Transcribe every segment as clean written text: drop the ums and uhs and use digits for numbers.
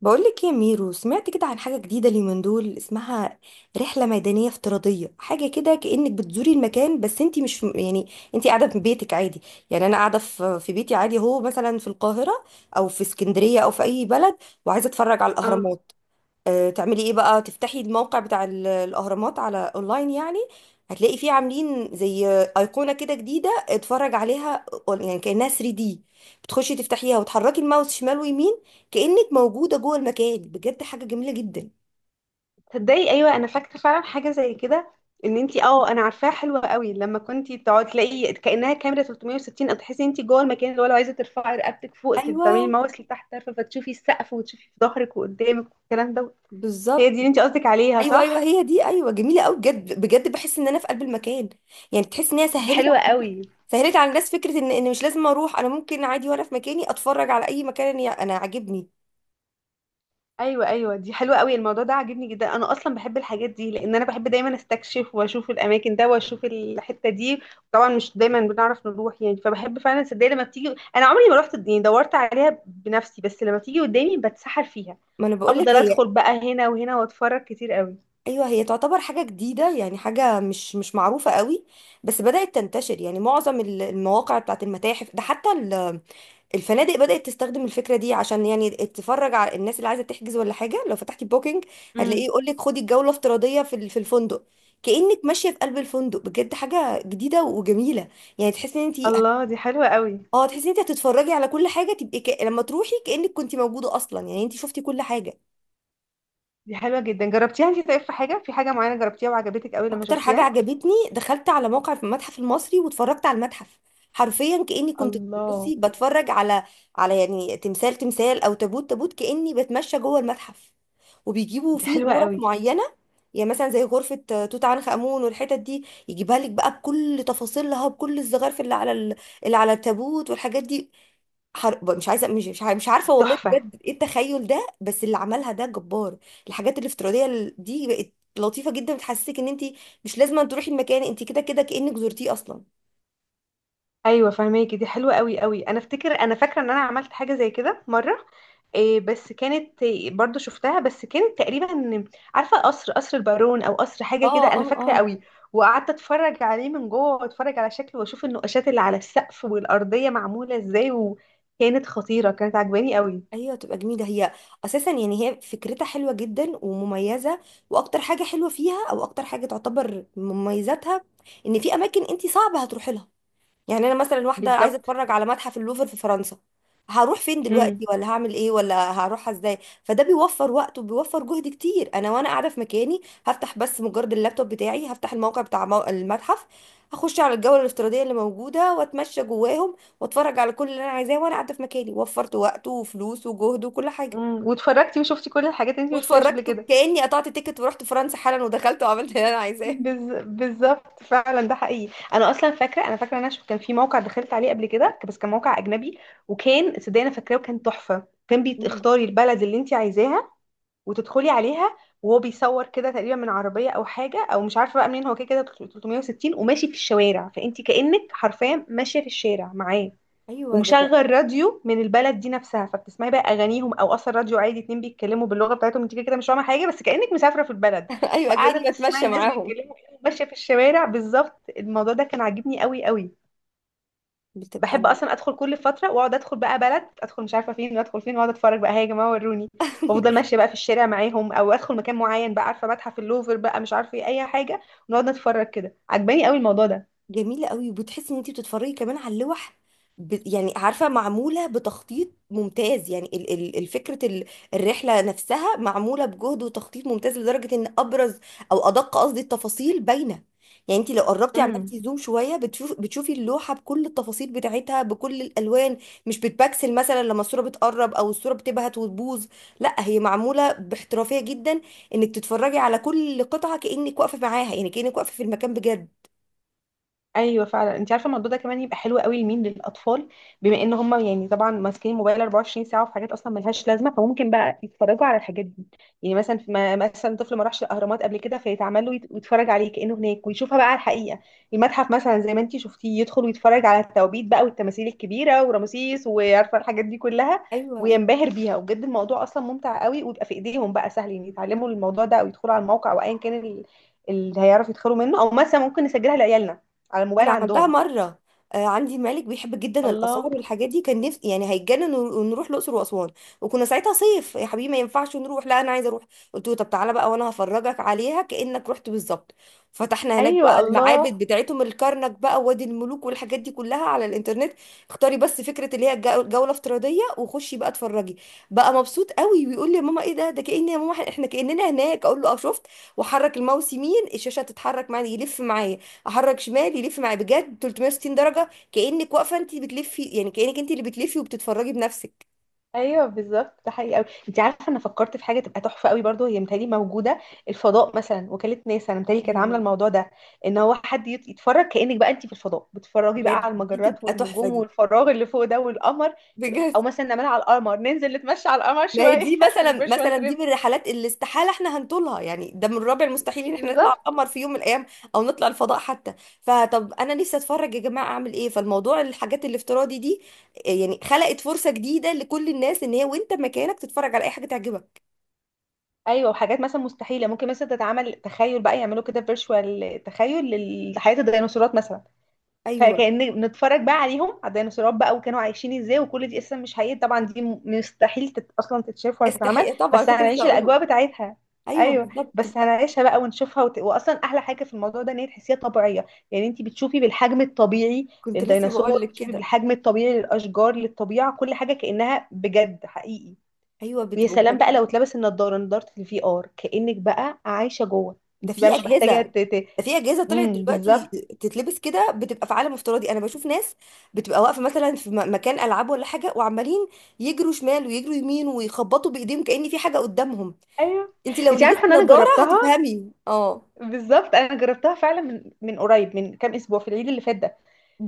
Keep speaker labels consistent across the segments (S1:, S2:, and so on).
S1: بقولك يا ميرو، سمعت كده عن حاجة جديدة اليومين دول اسمها رحلة ميدانية افتراضية؟ حاجة كده كأنك بتزوري المكان بس انتي مش يعني انتي قاعدة في بيتك عادي. يعني انا قاعدة في بيتي عادي، هو مثلا في القاهرة او في اسكندرية او في اي بلد وعايزة اتفرج على
S2: اه
S1: الاهرامات. تعملي ايه بقى؟ تفتحي الموقع بتاع الاهرامات على اونلاين يعني، هتلاقي فيه عاملين زي ايقونه كده جديده اتفرج عليها، يعني كانها 3D، بتخشي تفتحيها وتحركي الماوس شمال ويمين، كانك موجوده جوه المكان بجد. حاجه جميله جدا.
S2: تصدقي، ايوه انا فاكره فعلا حاجه زي كده. ان انتي انا عارفاها حلوه قوي. لما كنتي تقعدي تلاقي كانها كاميرا 360، او تحسي انتي جوه المكان، اللي هو لو عايزه ترفعي رقبتك فوق تبقي بتعملي
S1: ايوه،
S2: ماوس لتحت طرفه فتشوفي السقف وتشوفي في ظهرك وقدامك والكلام ده. هي
S1: بالظبط.
S2: دي اللي انتي قصدك عليها
S1: ايوه ايوه
S2: صح؟
S1: هي دي، ايوه جميله قوي بجد بجد، بحس ان انا في قلب المكان. يعني تحس ان هي
S2: دي
S1: سهلت،
S2: حلوة قوي.
S1: سهلت على الناس فكره ان مش لازم اروح، انا ممكن عادي وانا في مكاني اتفرج على اي مكان انا عاجبني.
S2: ايوه ايوه، دي حلوه قوي. الموضوع ده عاجبني جدا، انا اصلا بحب الحاجات دي لان انا بحب دايما استكشف واشوف الاماكن ده واشوف الحته دي. طبعا مش دايما بنعرف نروح يعني، فبحب فعلا صدق لما بتيجي. انا عمري ما رحت يعني دورت عليها بنفسي، بس لما بتيجي قدامي بتسحر فيها.
S1: ما انا بقول لك
S2: افضل
S1: هي.
S2: ادخل بقى هنا وهنا واتفرج كتير قوي.
S1: ايوه هي تعتبر حاجه جديده، يعني حاجه مش معروفه قوي، بس بدات تنتشر. يعني معظم المواقع بتاعت المتاحف ده، حتى الفنادق بدات تستخدم الفكره دي عشان يعني تفرج على الناس اللي عايزه تحجز ولا حاجه. لو فتحتي بوكينج
S2: امم.
S1: هتلاقيه يقول لك خدي الجوله افتراضيه في في الفندق، كانك ماشيه في قلب الفندق بجد. حاجه جديده وجميله. يعني تحسي ان انت،
S2: الله، دي حلوه قوي.
S1: اه تحسي ان انت هتتفرجي على كل حاجه تبقي لما تروحي كانك كنت موجوده اصلا، يعني انت شفتي كل حاجه.
S2: دي حلوه جدا، جربتيها انت؟ طيب في حاجه معينه جربتيها وعجبتك قوي لما
S1: اكتر حاجه
S2: شفتيها؟
S1: عجبتني، دخلت على موقع في المتحف المصري واتفرجت على المتحف حرفيا كاني كنت
S2: الله.
S1: بصي بتفرج على، على يعني تمثال تمثال او تابوت تابوت، كاني بتمشى جوه المتحف. وبيجيبوا
S2: دي
S1: فيه
S2: حلوه
S1: غرف
S2: قوي
S1: معينه، يعني مثلا زي غرفه توت عنخ امون، والحتت دي يجيبها لك بقى بكل تفاصيلها، بكل الزخارف اللي على اللي على التابوت والحاجات دي. مش عايزه، مش مش مش عارفه
S2: دي
S1: والله
S2: تحفه.
S1: بجد ايه التخيل ده، بس اللي عملها ده جبار. الحاجات الافتراضيه دي بقت لطيفه جدا، بتحسسك ان انت مش لازم أن تروحي المكان، انت كده كده كأنك زرتيه اصلا.
S2: ايوه فهماكي، دي حلوه قوي قوي. انا افتكر، انا فاكره ان انا عملت حاجه زي كده مره. إيه بس كانت إيه، برضو شفتها بس كانت تقريبا، عارفه قصر البارون او قصر
S1: اه
S2: حاجه كده، انا
S1: اه
S2: فاكره
S1: اه.
S2: قوي. وقعدت اتفرج عليه من جوه واتفرج على شكله واشوف النقاشات اللي على السقف والارضيه معموله ازاي، وكانت خطيره، كانت عجباني قوي.
S1: ايوه تبقى جميله هي اساسا. يعني هي فكرتها حلوه جدا ومميزه، واكتر حاجه حلوه فيها، او اكتر حاجه تعتبر من مميزاتها ان في اماكن انت صعب هتروحي لها. يعني انا مثلا واحده عايزه
S2: بالظبط.
S1: اتفرج على متحف اللوفر في فرنسا، هروح فين
S2: امم.
S1: دلوقتي؟ ولا هعمل ايه؟ ولا هروح ازاي؟ فده بيوفر وقت وبيوفر جهد كتير. انا وانا قاعده في مكاني هفتح بس مجرد اللابتوب بتاعي، هفتح الموقع بتاع المتحف، هخش على الجوله الافتراضيه اللي موجوده واتمشى جواهم واتفرج على كل اللي انا عايزاه وانا قاعده في مكاني. وفرت وقت وفلوس وجهد وكل حاجه.
S2: امم، واتفرجتي وشفتي كل الحاجات اللي انت مش شفتيهاش قبل
S1: واتفرجت
S2: كده.
S1: كاني قطعت تيكت ورحت فرنسا حالا ودخلت وعملت اللي انا عايزاه.
S2: بالظبط فعلا، ده حقيقي. انا اصلا فاكره، انا فاكره إن انا شو كان في موقع دخلت عليه قبل كده بس كان موقع اجنبي. وكان صدقني انا فاكراه، وكان تحفه. كان
S1: مم.
S2: بتختاري البلد اللي انت عايزاها وتدخلي عليها، وهو بيصور كده تقريبا من عربيه او حاجه، او مش عارفه بقى منين هو، كده كده 360 وماشي في الشوارع، فانت كانك حرفيا ماشيه في الشارع معاه.
S1: ايوه ده.
S2: ومشغل راديو من البلد دي نفسها، فبتسمعي بقى اغانيهم او اصلا راديو عادي اتنين بيتكلموا باللغه بتاعتهم، انت كده كده مش فاهمه حاجه، بس كانك مسافره في البلد.
S1: ايوه
S2: فقاعده
S1: كاني بتمشى
S2: بتسمعي ناس
S1: معاهم.
S2: بيتكلموا كأنك ماشيه في الشوارع بالظبط. الموضوع ده كان عاجبني قوي قوي.
S1: بتبقى.
S2: بحب اصلا ادخل كل فتره واقعد ادخل بقى بلد، ادخل مش عارفه فين وادخل فين، واقعد اتفرج بقى هي يا جماعه وروني. وافضل ماشيه بقى في الشارع معاهم، او ادخل مكان معين بقى، عارفه متحف اللوفر بقى مش عارفه ايه، اي حاجه. ونقعد نتفرج كده، عجباني قوي الموضوع ده.
S1: جميلة قوي، وبتحسي ان انتي بتتفرجي كمان على اللوح. يعني عارفة معمولة بتخطيط ممتاز، يعني الفكرة الرحلة نفسها معمولة بجهد وتخطيط ممتاز، لدرجة ان ابرز، او ادق قصدي، التفاصيل باينة. يعني انتي لو قربتي
S2: امم.
S1: عملتي زوم شوية بتشوفي اللوحة بكل التفاصيل بتاعتها بكل الالوان، مش بتبكسل مثلا لما الصورة بتقرب، او الصورة بتبهت وتبوظ. لا، هي معمولة باحترافية جدا انك تتفرجي على كل قطعة كأنك واقفة معاها، يعني كأنك واقفة في المكان بجد.
S2: ايوه فعلا. انت عارفه الموضوع ده كمان يبقى حلو قوي لمين؟ للاطفال. بما ان هم يعني طبعا ماسكين الموبايل 24 ساعه وفي حاجات اصلا ملهاش لازمه، فممكن بقى يتفرجوا على الحاجات دي. يعني مثلا ما مثلا طفل ما راحش الاهرامات قبل كده فيتعمل له ويتفرج عليه كانه هناك ويشوفها بقى على الحقيقه. المتحف مثلا زي ما انت شفتيه، يدخل ويتفرج على التوابيت بقى والتماثيل الكبيره ورمسيس وعارفه الحاجات دي كلها،
S1: ايوه،
S2: وينبهر بيها. وبجد الموضوع اصلا ممتع قوي، ويبقى في ايديهم بقى سهل يعني يتعلموا الموضوع ده او يدخلوا على الموقع او ايا كان اللي هيعرف يدخلوا منه، او مثلا ممكن نسجلها لعيالنا على الموبايل
S1: انا عملتها
S2: عندهم.
S1: مره. عندي مالك بيحب جدا الاثار
S2: الله.
S1: والحاجات دي، كان نفسي يعني هيتجنن ونروح الاقصر واسوان. وكنا ساعتها صيف يا حبيبي، ما ينفعش نروح. لا انا عايزه اروح. قلت له طب تعالى بقى وانا هفرجك عليها كانك رحت بالظبط. فتحنا هناك
S2: ايوه.
S1: بقى
S2: الله.
S1: المعابد بتاعتهم، الكرنك بقى وادي الملوك والحاجات دي كلها على الانترنت. اختاري بس فكره اللي هي جوله افتراضيه وخشي بقى اتفرجي. بقى مبسوط قوي ويقول لي يا ماما ايه ده؟ ده كأن، يا ماما احنا كأننا هناك! اقول له اه شفت. وحرك الماوس يمين، الشاشه تتحرك معايا يلف معايا، احرك شمال يلف معايا بجد 360 درجه، كانك واقفه انت بتلفي، يعني كانك انت اللي بتلفي وبتتفرجي بنفسك.
S2: ايوه بالظبط، ده حقيقي قوي. انت عارفه انا فكرت في حاجه تبقى تحفه قوي برضو هي متهيألي موجوده، الفضاء مثلا. وكاله ناسا انا متهيألي كانت عامله
S1: ايوه
S2: الموضوع ده، ان هو حد يتفرج كانك بقى انت في الفضاء، بتتفرجي بقى
S1: بجد،
S2: على
S1: دي
S2: المجرات
S1: تبقى تحفه
S2: والنجوم
S1: دي
S2: والفراغ اللي فوق ده والقمر. او
S1: بجد.
S2: مثلا نعملها على القمر، ننزل نتمشى على القمر
S1: ما هي
S2: شويه
S1: دي
S2: في
S1: مثلا
S2: الفيرشوال
S1: مثلا دي
S2: تريب.
S1: من الرحلات اللي استحاله احنا هنطولها، يعني ده من الرابع المستحيل ان احنا نطلع
S2: بالظبط.
S1: القمر في يوم من الايام، او نطلع الفضاء حتى. فطب انا نفسي اتفرج يا جماعه، اعمل ايه؟ فالموضوع الحاجات الافتراضي دي يعني خلقت فرصه جديده لكل الناس ان هي وانت مكانك تتفرج على اي حاجه تعجبك.
S2: ايوه، وحاجات مثلا مستحيله ممكن مثلا تتعمل، تخيل بقى يعملوا كده فيرشوال، تخيل لحياه الديناصورات مثلا.
S1: ايوه.
S2: فكأن نتفرج بقى عليهم، على الديناصورات بقى، وكانوا عايشين ازاي. وكل دي قصة مش حقيقية طبعا، دي مستحيل اصلا تتشاف ولا تتعمل،
S1: استحي طبعا
S2: بس
S1: كنت لسه
S2: هنعيش
S1: هقول لك.
S2: الاجواء بتاعتها.
S1: ايوه
S2: ايوه
S1: بالظبط.
S2: بس هنعيشها بقى ونشوفها واصلا احلى حاجة في الموضوع ده ان هي تحسيها طبيعية. يعني انت بتشوفي بالحجم الطبيعي
S1: كنت لسه بقول
S2: للديناصور،
S1: لك
S2: بتشوفي
S1: كده.
S2: بالحجم الطبيعي للاشجار، للطبيعة، كل حاجة كأنها بجد حقيقي.
S1: ايوه
S2: ويا
S1: بتبقى.
S2: سلام بقى لو اتلبس النضارة، نضارة الفي ار، كأنك بقى عايشة جوه.
S1: ده
S2: انت بقى
S1: في
S2: مش محتاجة
S1: اجهزه، ده في اجهزه طلعت
S2: امم،
S1: دلوقتي
S2: بالظبط.
S1: تتلبس كده بتبقى في عالم افتراضي. انا بشوف ناس بتبقى واقفه مثلا في مكان العاب ولا حاجه، وعمالين يجروا شمال ويجروا يمين ويخبطوا بايديهم كأن في حاجه قدامهم.
S2: ايوه
S1: انت لو
S2: انت عارفه
S1: لبستي
S2: ان انا
S1: نظاره
S2: جربتها.
S1: هتفهمي اه.
S2: بالظبط، انا جربتها فعلا من قريب، من كام اسبوع، في العيد اللي فات ده.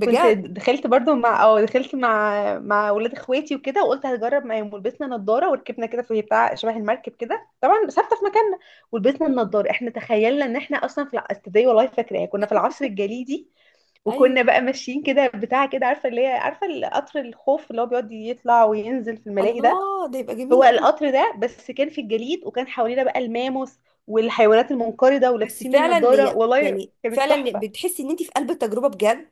S2: كنت دخلت برضو مع دخلت مع ولاد اخواتي وكده، وقلت هجرب معاهم. ولبسنا نضاره وركبنا كده في بتاع شبه المركب كده، طبعا ثابته في مكاننا. ولبسنا النضاره، احنا تخيلنا ان احنا اصلا في تصدقي والله فاكراها، كنا في العصر الجليدي.
S1: ايوه،
S2: وكنا بقى ماشيين كده بتاع كده، عارفه اللي هي، عارفه القطر الخوف اللي هو بيقعد يطلع وينزل في الملاهي ده.
S1: الله ده يبقى
S2: هو
S1: جميل قوي.
S2: القطر ده، بس كان في الجليد، وكان حوالينا بقى الماموس والحيوانات المنقرضه،
S1: بس
S2: ولابسين
S1: فعلا
S2: النضاره. والله
S1: يعني
S2: كانت
S1: فعلا
S2: تحفه.
S1: بتحسي ان انت في قلب التجربه بجد.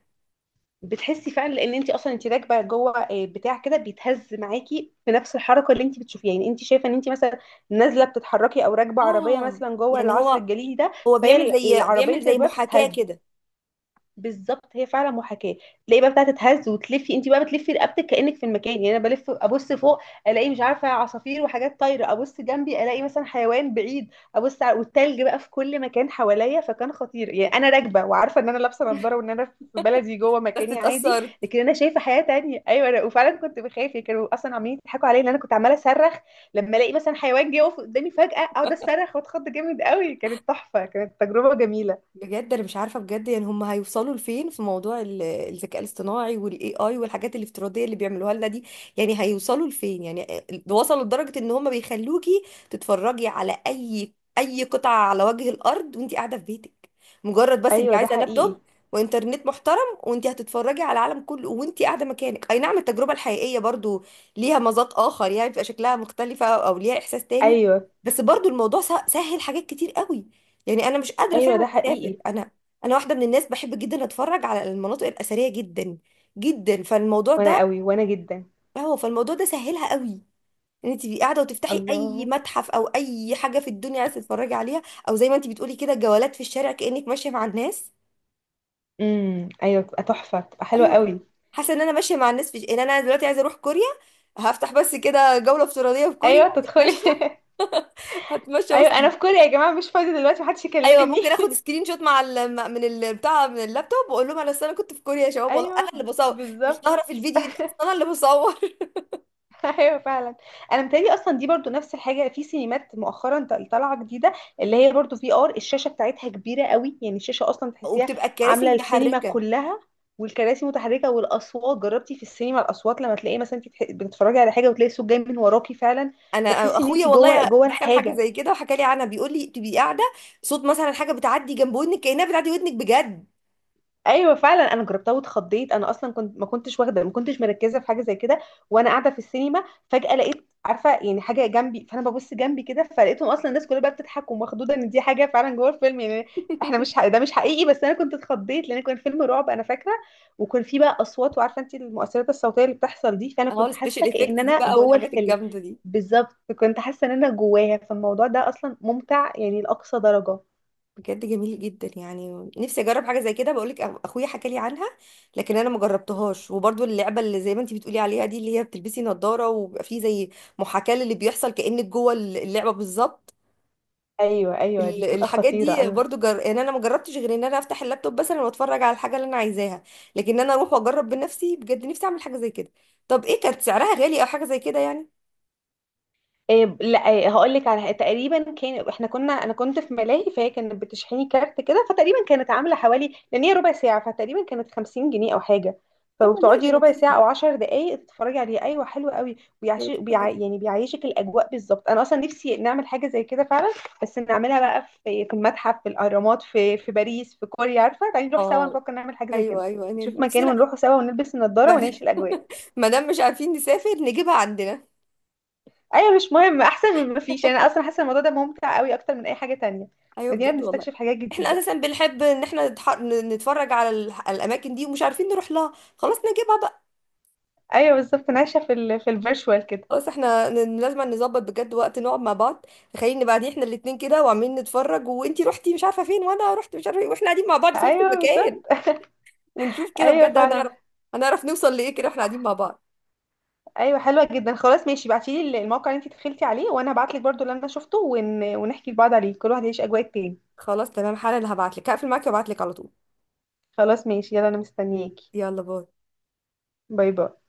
S2: بتحسي فعلا لان انت اصلا انت راكبه جوه آه، بتاع كده بيتهز معاكي في نفس الحركه اللي انت بتشوفيها. يعني انت شايفه ان انت مثلا نازله بتتحركي، او راكبه عربيه
S1: اه
S2: مثلا جوه
S1: يعني
S2: العصر
S1: هو
S2: الجليدي ده.
S1: هو
S2: فهي
S1: بيعمل زي
S2: العربيه اللي
S1: بيعمل
S2: انت
S1: زي
S2: راكباها
S1: محاكاه
S2: بتتهز.
S1: كده.
S2: بالظبط، هي فعلا محاكاه. تلاقي
S1: آه.
S2: بقى بتاعه تتهز وتلفي، انت بقى بتلفي رقبتك كانك في المكان. يعني انا بلف ابص فوق، الاقي مش عارفه عصافير وحاجات طايره، ابص جنبي الاقي مثلا حيوان بعيد، ابص على والتلج بقى في كل مكان حواليا. فكان خطير يعني، انا راكبه وعارفه ان انا لابسه نظاره وان انا في بلدي جوه
S1: بس
S2: مكاني عادي،
S1: اتأثرت.
S2: لكن انا شايفه حياه تانية. ايوه انا وفعلا كنت بخاف، يعني كانوا اصلا عمالين يضحكوا عليا ان انا كنت عماله اصرخ لما الاقي مثلا حيوان جه يقف قدامي فجاه، اقعد اصرخ واتخض جامد قوي. كانت تحفه، كانت تجربه جميله.
S1: بجد، انا مش عارفه بجد يعني هم هيوصلوا لفين في موضوع الذكاء الاصطناعي والاي اي والحاجات الافتراضيه اللي بيعملوها لنا دي، يعني هيوصلوا لفين يعني؟ وصلوا لدرجه ان هم بيخلوكي تتفرجي على اي قطعه على وجه الارض وانت قاعده في بيتك، مجرد بس انت
S2: ايوه ده
S1: عايزه
S2: حقيقي.
S1: لابتوب وانترنت محترم، وانت هتتفرجي على العالم كله وانت قاعده مكانك. اي نعم، التجربه الحقيقيه برضو ليها مذاق اخر، يعني بيبقى شكلها مختلفه او ليها احساس تاني،
S2: ايوه
S1: بس برضو الموضوع سهل حاجات كتير قوي. يعني انا مش قادره
S2: ايوه،
S1: فعلا
S2: ده
S1: اسافر،
S2: حقيقي.
S1: انا واحده من الناس بحب جدا اتفرج على المناطق الاثريه جدا جدا، فالموضوع ده،
S2: وانا قوي وانا جدا.
S1: هو فالموضوع ده سهلها قوي ان انت تبقي قاعده وتفتحي اي
S2: الله.
S1: متحف او اي حاجه في الدنيا عايزه تتفرجي عليها، او زي ما انت بتقولي كده جولات في الشارع كانك ماشيه مع الناس.
S2: امم. ايوه بتبقى تحفه، بتبقى حلوه
S1: ايوه
S2: قوي.
S1: حاسه ان انا ماشيه مع الناس. في ان انا دلوقتي عايزه اروح كوريا، هفتح بس كده جوله افتراضيه في كوريا،
S2: ايوه تدخلي.
S1: هتمشى، هتمشى
S2: ايوه
S1: وسط.
S2: انا في كوريا يا جماعه، مش فاضيه دلوقتي محدش
S1: ايوه
S2: يكلمني.
S1: ممكن اخد سكرين شوت مع ال... مع- من ال- بتاع من اللابتوب، واقول لهم انا أصل انا كنت في كوريا يا شباب، والله انا
S2: ايوه
S1: اللي بصور مش
S2: بالظبط.
S1: ظاهره في الفيديو دي، أصل انا اللي بصور.
S2: ايوه فعلا. انا متهيألي اصلا دي برضو نفس الحاجه في سينمات مؤخرا طالعه جديده، اللي هي برضو في ار. الشاشه بتاعتها كبيره قوي، يعني الشاشه اصلا تحسيها
S1: وبتبقى الكراسي
S2: عامله السينما
S1: متحركه.
S2: كلها. والكراسي متحركه والاصوات، جربتي في السينما الاصوات لما تلاقي مثلا انت بتتفرجي على حاجه وتلاقي الصوت جاي من وراكي فعلا،
S1: انا
S2: فتحسي ان
S1: اخويا
S2: انت جوه
S1: والله دخل حاجه
S2: الحاجه.
S1: زي كده وحكى لي عنها، بيقول لي تبقي قاعده، صوت مثلا حاجه بتعدي جنب ودنك كانها بتعدي ودنك بجد.
S2: ايوه فعلا انا جربتها واتخضيت. انا اصلا كنت ما كنتش واخده، ما كنتش مركزه في حاجه زي كده وانا قاعده في السينما. فجاه لقيت، عارفه يعني، حاجه جنبي، فانا ببص جنبي كده فلقيتهم اصلا الناس كلها بقى بتضحك ومخضوضه، ان دي حاجه فعلا جوه الفيلم يعني. احنا مش ده مش حقيقي، بس انا كنت اتخضيت لان كان فيلم رعب انا فاكره. وكان فيه بقى اصوات، وعارفه انت المؤثرات الصوتيه اللي بتحصل دي، فانا
S1: اهو
S2: كنت حاسه
S1: السبيشال
S2: كأن
S1: افكتس دي
S2: انا
S1: بقى
S2: جوه
S1: والحاجات
S2: الفيلم.
S1: الجامده دي.
S2: بالظبط، كنت حاسه ان انا جواها. فالموضوع ده اصلا ممتع يعني لاقصى درجه.
S1: بجد جميل جدا، يعني نفسي اجرب حاجه زي كده. بقولك اخويا حكى لي عنها، لكن انا ما جربتهاش. وبرضو اللعبه اللي زي ما انت بتقولي عليها دي، اللي هي بتلبسي نظاره وبيبقى فيه زي محاكاه للي بيحصل كانك جوه اللعبه بالظبط.
S2: ايوه ايوه، دي بتبقى
S1: الحاجات
S2: خطيره.
S1: دي
S2: انا
S1: برضو يعني انا ما جربتش غير ان انا افتح اللابتوب مثلا واتفرج على الحاجه اللي انا عايزاها، لكن انا اروح واجرب بنفسي بجد نفسي اعمل حاجه زي كده. طب ايه كانت سعرها؟ غالي او حاجه زي كده يعني؟
S2: إيه، لا هقول لك على، تقريبا كان احنا كنا، انا كنت في ملاهي فهي كانت بتشحني كارت كده، فتقريبا كانت عامله حوالي، لان هي ربع ساعه، فتقريبا كانت 50 جنيه او حاجه.
S1: طب والله دي
S2: فبتقعدي ربع ساعه
S1: لطيفة،
S2: او 10 دقائق تتفرجي عليه. ايوه حلو قوي،
S1: دي لطيفه جدا.
S2: يعني بيعيشك الاجواء بالظبط. انا اصلا نفسي نعمل حاجه زي كده فعلا. بس نعملها بقى في المتحف، في الاهرامات، في باريس، في كوريا، عارفه تعالي نروح سوا،
S1: اه،
S2: نفكر نعمل حاجه زي
S1: ايوه
S2: كده.
S1: ايوه، يعني
S2: نشوف مكان
S1: نفسنا.
S2: ونروحوا سوا، ونلبس النضاره ونعيش الاجواء.
S1: ما دام مش عارفين نسافر نجيبها عندنا.
S2: ايوه مش مهم، احسن من ما فيش يعني. انا اصلا حاسه الموضوع ده ممتع قوي اكتر من اي حاجه تانية.
S1: ايوه
S2: بدينا
S1: بجد والله.
S2: بنستكشف حاجات
S1: احنا
S2: جديده.
S1: اساسا بنحب ان احنا نتفرج على الاماكن دي ومش عارفين نروح لها، خلاص نجيبها بقى.
S2: ايوه بالظبط، أنا عايشه في ال في الفيرتشوال كده.
S1: خلاص احنا لازم نظبط بجد وقت نقعد مع بعض. تخيلني بعدين احنا الاتنين كده وعمالين نتفرج، وانتي رحتي مش عارفه فين وانا رحت مش عارفه إيه، واحنا قاعدين مع بعض في نفس
S2: ايوه
S1: المكان.
S2: بالظبط.
S1: ونشوف كده
S2: ايوه
S1: بجد،
S2: فعلا.
S1: هنعرف، هنعرف نوصل لايه كده واحنا
S2: هتبقى
S1: قاعدين
S2: ح-
S1: مع بعض.
S2: ايوه حلوه جدا. خلاص ماشي، ابعتي لي الموقع اللي انت دخلتي عليه، وانا هبعت لك برضو اللي انا شفته ونحكي لبعض عليه، كل واحد يعيش اجواء التاني.
S1: خلاص تمام، حالا هبعت لك، هقفل معاكي وابعت لك على طول.
S2: خلاص ماشي، يلا انا مستنياكي.
S1: يلا، باي.
S2: باي باي.